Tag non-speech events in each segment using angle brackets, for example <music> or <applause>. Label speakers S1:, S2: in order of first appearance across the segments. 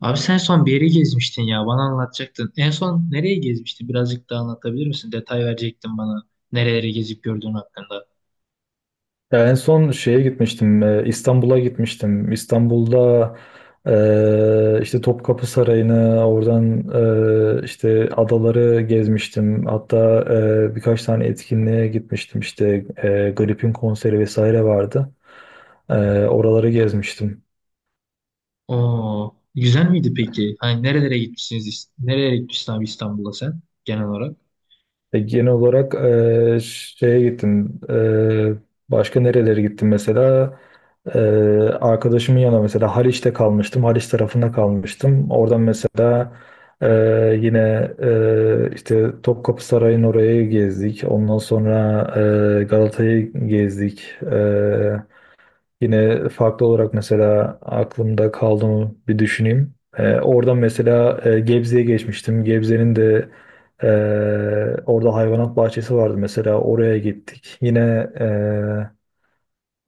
S1: Abi sen son bir yeri gezmiştin ya. Bana anlatacaktın. En son nereye gezmiştin? Birazcık daha anlatabilir misin? Detay verecektin bana. Nereleri gezip gördüğün hakkında.
S2: Ya en son İstanbul'a gitmiştim. İstanbul'da işte Topkapı Sarayı'nı, oradan işte adaları gezmiştim. Hatta birkaç tane etkinliğe gitmiştim. İşte Grip'in konseri vesaire vardı. E, Oraları gezmiştim.
S1: Oo, güzel miydi peki? Hani nerelere gitmişsiniz? Nereye gitmişsin abi İstanbul'da sen genel olarak?
S2: Genel olarak başka nerelere gittim mesela? E, Arkadaşımın yanına mesela Haliç'te kalmıştım. Haliç tarafında kalmıştım. Oradan mesela e, yine işte Topkapı Sarayı'nın orayı gezdik. Ondan sonra Galata'yı gezdik. Yine farklı olarak mesela aklımda kaldı mı bir düşüneyim. Oradan mesela Gebze'ye geçmiştim. Gebze'nin de e, orada hayvanat bahçesi vardı, mesela oraya gittik. Yine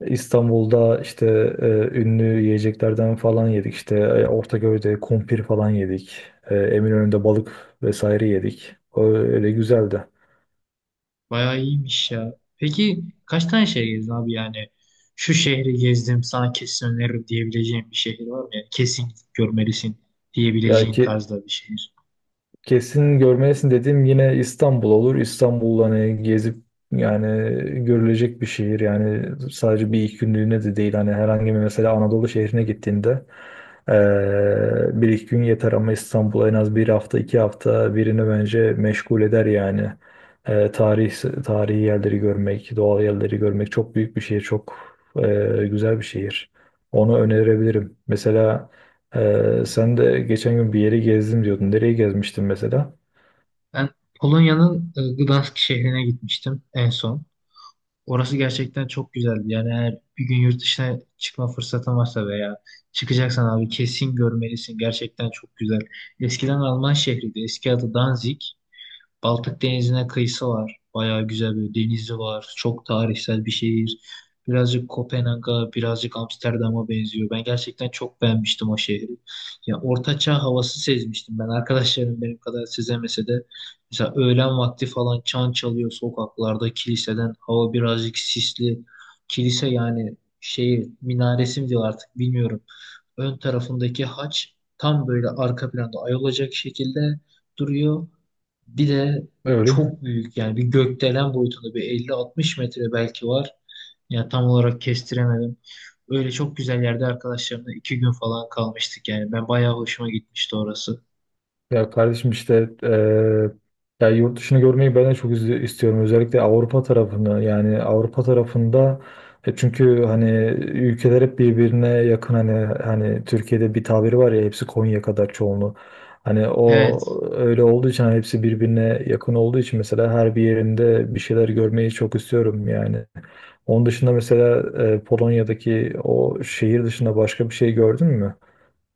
S2: İstanbul'da işte e, ünlü yiyeceklerden falan yedik. İşte Ortaköy'de kumpir falan yedik. Eminönü'nde balık vesaire yedik. Öyle güzeldi.
S1: Bayağı iyiymiş ya. Peki kaç tane şehir gezdin abi yani? Şu şehri gezdim sana kesin öneririm diyebileceğin bir şehir var mı? Yani kesin gidip görmelisin
S2: Ya
S1: diyebileceğin
S2: ki
S1: tarzda bir şehir.
S2: Kesin görmelisin dediğim yine İstanbul olur. İstanbul hani gezip yani görülecek bir şehir. Yani sadece bir iki günlüğüne de değil. Hani herhangi bir mesela Anadolu şehrine gittiğinde bir iki gün yeter ama İstanbul en az bir hafta iki hafta birini bence meşgul eder yani. Eee, tarih, Tarihi yerleri görmek, doğal yerleri görmek, çok büyük bir şehir. Çok güzel bir şehir. Onu önerebilirim. Mesela sen de geçen gün bir yeri gezdim diyordun. Nereye gezmiştin mesela?
S1: Ben Polonya'nın Gdansk şehrine gitmiştim en son. Orası gerçekten çok güzeldi. Yani eğer bir gün yurt dışına çıkma fırsatın varsa veya çıkacaksan abi kesin görmelisin. Gerçekten çok güzel. Eskiden Alman şehriydi. Eski adı Danzig. Baltık Denizi'ne kıyısı var. Bayağı güzel bir denizi var. Çok tarihsel bir şehir. Birazcık Kopenhag'a, birazcık Amsterdam'a benziyor. Ben gerçekten çok beğenmiştim o şehri. Ya ortaçağ havası sezmiştim ben. Arkadaşlarım benim kadar sezemese de mesela öğlen vakti falan çan çalıyor sokaklarda, kiliseden hava birazcık sisli. Kilise yani şeyi minaresi mi diyor artık bilmiyorum. Ön tarafındaki haç tam böyle arka planda ay olacak şekilde duruyor. Bir de
S2: Öyle.
S1: çok büyük yani bir gökdelen boyutunda bir 50-60 metre belki var. Yani tam olarak kestiremedim. Öyle çok güzel yerde arkadaşlarımla 2 gün falan kalmıştık yani. Ben bayağı hoşuma gitmişti orası.
S2: Ya kardeşim, işte ya, yurt dışını görmeyi ben de çok istiyorum. Özellikle Avrupa tarafını, yani Avrupa tarafında, e çünkü hani, ülkeler hep birbirine yakın. Hani Türkiye'de bir tabiri var ya, hepsi Konya kadar çoğunluğu. Hani o,
S1: Evet,
S2: öyle olduğu için, hani hepsi birbirine yakın olduğu için mesela her bir yerinde bir şeyler görmeyi çok istiyorum yani. Onun dışında mesela Polonya'daki o şehir dışında başka bir şey gördün mü?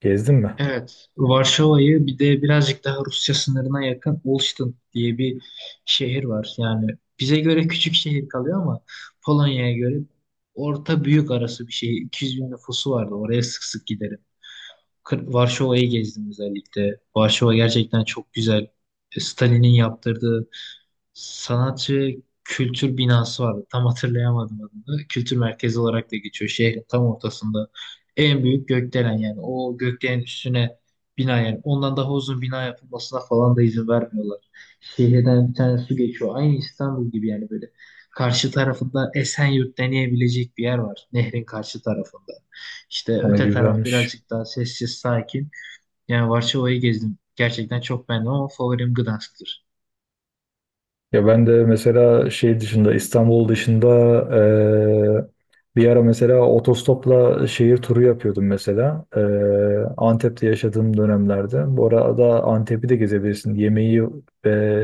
S2: Gezdin mi?
S1: evet. Varşova'yı bir de birazcık daha Rusya sınırına yakın Olsztyn diye bir şehir var. Yani bize göre küçük şehir kalıyor ama Polonya'ya göre orta büyük arası bir şehir. 200 bin nüfusu vardı. Oraya sık sık gideriz. Kır- Varşova'yı gezdim özellikle. Varşova gerçekten çok güzel. Stalin'in yaptırdığı sanatçı kültür binası vardı. Tam hatırlayamadım adını. Kültür merkezi olarak da geçiyor. Şehrin tam ortasında. En büyük gökdelen yani. O gökdelenin üstüne bina yani. Ondan daha uzun bina yapılmasına falan da izin vermiyorlar. Şehirden bir tane su geçiyor. Aynı İstanbul gibi yani böyle. Karşı tarafında Esenyurt deneyebilecek bir yer var. Nehrin karşı tarafında. İşte
S2: Hani
S1: öte taraf
S2: güzelmiş.
S1: birazcık daha sessiz, sakin. Yani Varşova'yı gezdim. Gerçekten çok beğendim ama favorim Gdansk'tır.
S2: Ya ben de mesela şey dışında İstanbul dışında, eee, bir ara mesela otostopla şehir turu yapıyordum mesela. Antep'te yaşadığım dönemlerde. Bu arada Antep'i de gezebilirsin. Yemeği ve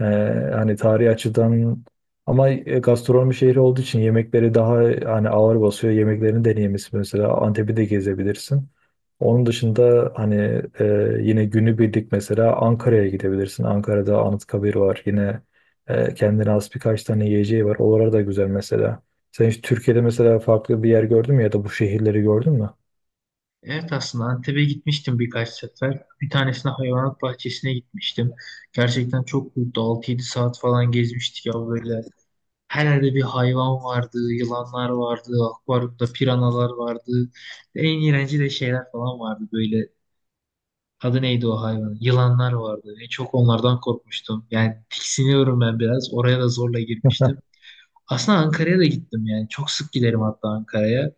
S2: hani tarihi açıdan ama gastronomi şehri olduğu için yemekleri daha hani ağır basıyor. Yemeklerini deneyimlisi, mesela Antep'i de gezebilirsin. Onun dışında hani yine günübirlik mesela Ankara'ya gidebilirsin. Ankara'da Anıtkabir var. Yine kendine has birkaç tane yiyeceği var. Oralar da güzel mesela. Sen hiç Türkiye'de mesela farklı bir yer gördün mü ya da bu şehirleri gördün mü?
S1: Evet aslında Antep'e gitmiştim birkaç sefer. Bir tanesine hayvanat bahçesine gitmiştim. Gerçekten çok büyüktü. 6-7 saat falan gezmiştik ya böyle. Her yerde bir hayvan vardı, yılanlar vardı, akvaryumda piranalar vardı. En iğrenci de şeyler falan vardı böyle. Adı neydi o hayvan? Yılanlar vardı. En çok onlardan korkmuştum. Yani tiksiniyorum ben biraz. Oraya da zorla girmiştim. Aslında Ankara'ya da gittim yani. Çok sık giderim hatta Ankara'ya.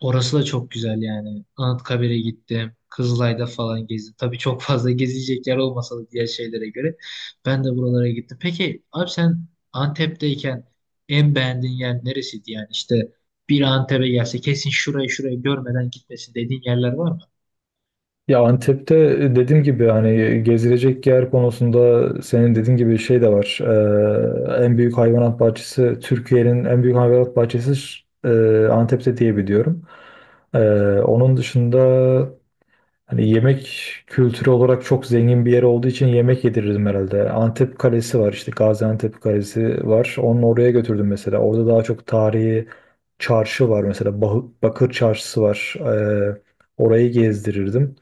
S1: Orası da çok güzel yani. Anıtkabir'e gittim. Kızılay'da falan gezdim. Tabii çok fazla gezilecek yer olmasa da diğer şeylere göre. Ben de buralara gittim. Peki abi sen Antep'teyken en beğendiğin yer neresiydi yani? İşte bir Antep'e gelse kesin şurayı şurayı görmeden gitmesin dediğin yerler var mı?
S2: Ya Antep'te dediğim gibi hani gezilecek yer konusunda senin dediğin gibi şey de var. En büyük hayvanat bahçesi Türkiye'nin en büyük hayvanat bahçesi e, Antep'te diye biliyorum. Ee, Onun dışında hani yemek kültürü olarak çok zengin bir yer olduğu için yemek yedirirdim herhalde. Antep Kalesi var, işte Gaziantep Kalesi var. Onu oraya götürdüm mesela. Orada daha çok tarihi çarşı var mesela. Bakır Çarşısı var. Orayı gezdirirdim.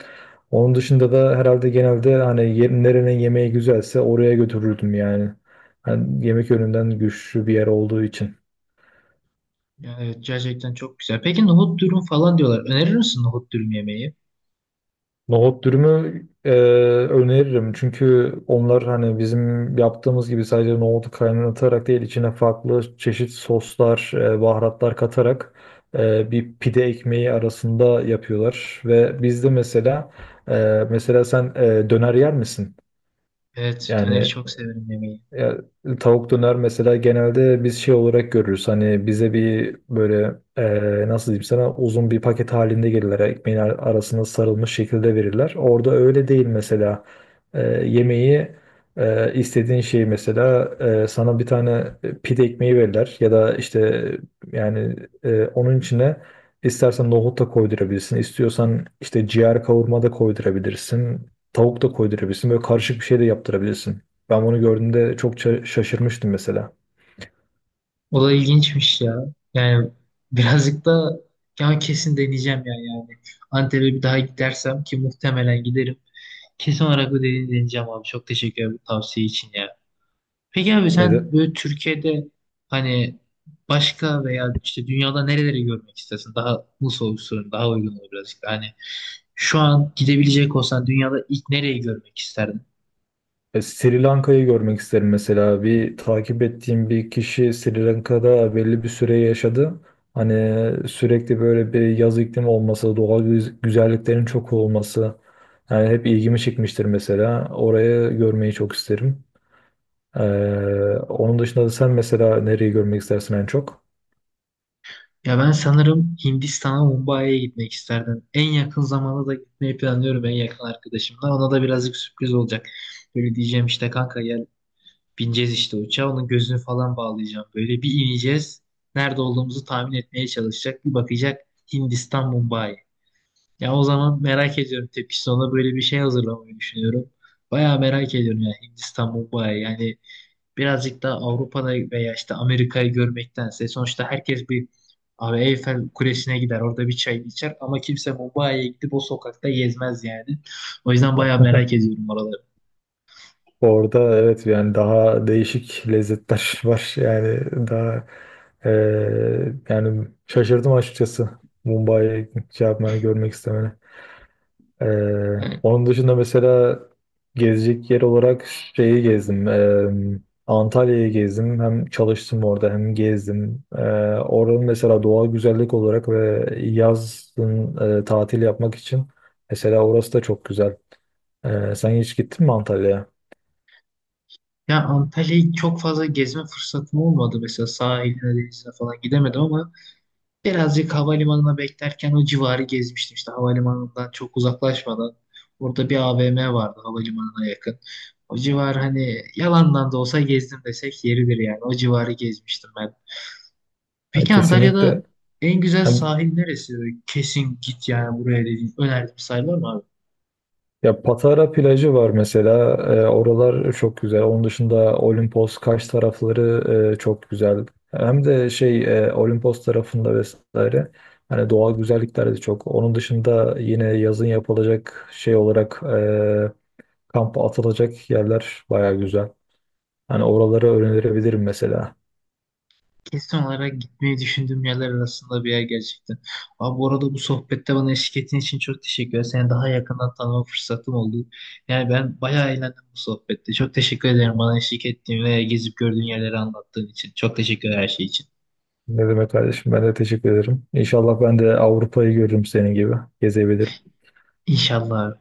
S2: Onun dışında da herhalde genelde hani nerenin yemeği güzelse oraya götürürdüm yani. Hani yemek yönünden güçlü bir yer olduğu için.
S1: Yani evet gerçekten çok güzel. Peki nohut dürüm falan diyorlar. Önerir misin nohut dürüm yemeği?
S2: Nohut dürümü öneririm. Çünkü onlar hani bizim yaptığımız gibi sadece nohutu kaynatarak değil, içine farklı çeşit soslar, baharatlar katarak bir pide ekmeği arasında yapıyorlar. Ve bizde mesela, e, mesela sen döner yer misin?
S1: Evet döneri
S2: Yani
S1: çok severim yemeği.
S2: ya, Tavuk döner mesela genelde biz şey olarak görürüz. Hani bize bir böyle, nasıl diyeyim sana, uzun bir paket halinde gelirler. Ekmeğin arasına sarılmış şekilde verirler. Orada öyle değil mesela. Eee, yemeği istediğin şeyi, mesela sana bir tane pide ekmeği verirler. Ya da işte yani, onun içine istersen nohut da koydurabilirsin. İstiyorsan işte ciğer kavurma da koydurabilirsin. Tavuk da koydurabilirsin. Böyle karışık bir şey de yaptırabilirsin. Ben bunu gördüğümde çok şaşırmıştım mesela.
S1: O da ilginçmiş ya. Yani birazcık da ya kesin deneyeceğim yani. Antep'e bir daha gidersem ki muhtemelen giderim. Kesin olarak bu dediğini deneyeceğim abi. Çok teşekkür ederim bu tavsiye için ya. Peki abi sen
S2: Neden?
S1: böyle Türkiye'de hani başka veya işte dünyada nereleri görmek istersin? Daha bu soru sorayım, daha uygun olur birazcık da. Hani şu an gidebilecek olsan dünyada ilk nereyi görmek isterdin?
S2: Sri Lanka'yı görmek isterim mesela. Bir takip ettiğim bir kişi Sri Lanka'da belli bir süre yaşadı. Hani sürekli böyle bir yaz iklimi olması, doğal güzelliklerin çok olması. Yani hep ilgimi çekmiştir mesela. Orayı görmeyi çok isterim. Ee, Onun dışında da sen mesela nereyi görmek istersin en çok?
S1: Ya ben sanırım Hindistan'a, Mumbai'ye gitmek isterdim. En yakın zamanda da gitmeyi planlıyorum en yakın arkadaşımla. Ona da birazcık sürpriz olacak. Böyle diyeceğim işte kanka gel bineceğiz işte uçağa. Onun gözünü falan bağlayacağım. Böyle bir ineceğiz. Nerede olduğumuzu tahmin etmeye çalışacak. Bir bakacak Hindistan, Mumbai. Ya o zaman merak ediyorum tepkisi. Ona böyle bir şey hazırlamayı düşünüyorum. Bayağı merak ediyorum ya Hindistan, Mumbai. Yani birazcık daha Avrupa'da veya işte Amerika'yı görmektense sonuçta herkes bir abi Eyfel Kulesi'ne gider orada bir çay içer ama kimse Mumbai'ye gidip o sokakta gezmez yani. O yüzden bayağı merak ediyorum oraları.
S2: Orada evet, yani daha değişik lezzetler <laughs> var. Yani daha yani şaşırdım açıkçası. Mumbai'ye şey yapmanı, görmek istemene.
S1: Yani,
S2: Onun dışında mesela gezecek yer olarak şeyi gezdim. Antalya'yı gezdim. Hem çalıştım orada hem gezdim. Oranın mesela doğal güzellik olarak ve yazın tatil yapmak için mesela orası da çok güzel. Sen hiç gittin mi Antalya'ya?
S1: ya Antalya'yı çok fazla gezme fırsatım olmadı mesela sahiline denizine falan gidemedim ama birazcık havalimanına beklerken o civarı gezmiştim işte havalimanından çok uzaklaşmadan. Orada bir AVM vardı havalimanına yakın. O civar hani yalandan da olsa gezdim desek yeridir yani. O civarı gezmiştim ben.
S2: Yani
S1: Peki Antalya'da
S2: kesinlikle.
S1: en güzel
S2: Hem
S1: sahil neresi? Böyle kesin git yani buraya dediğin önerdiğim sahil var mı?
S2: Ya Patara plajı var mesela. Oralar çok güzel. Onun dışında Olimpos, Kaş tarafları çok güzel. Hem de Olimpos tarafında vesaire. Hani doğal güzellikler de çok. Onun dışında yine yazın yapılacak şey olarak kampa atılacak yerler baya güzel. Hani oraları öğrenebilirim mesela.
S1: Kesin olarak gitmeyi düşündüğüm yerler arasında bir yer gerçekten. Abi bu arada bu sohbette bana eşlik ettiğin için çok teşekkür ederim. Seni daha yakından tanıma fırsatım oldu. Yani ben bayağı eğlendim bu sohbette. Çok teşekkür ederim bana eşlik ettiğin ve gezip gördüğün yerleri anlattığın için. Çok teşekkür ederim her şey için.
S2: Ne demek kardeşim, ben de teşekkür ederim. İnşallah ben de Avrupa'yı görürüm senin gibi. Gezebilirim.
S1: İnşallah.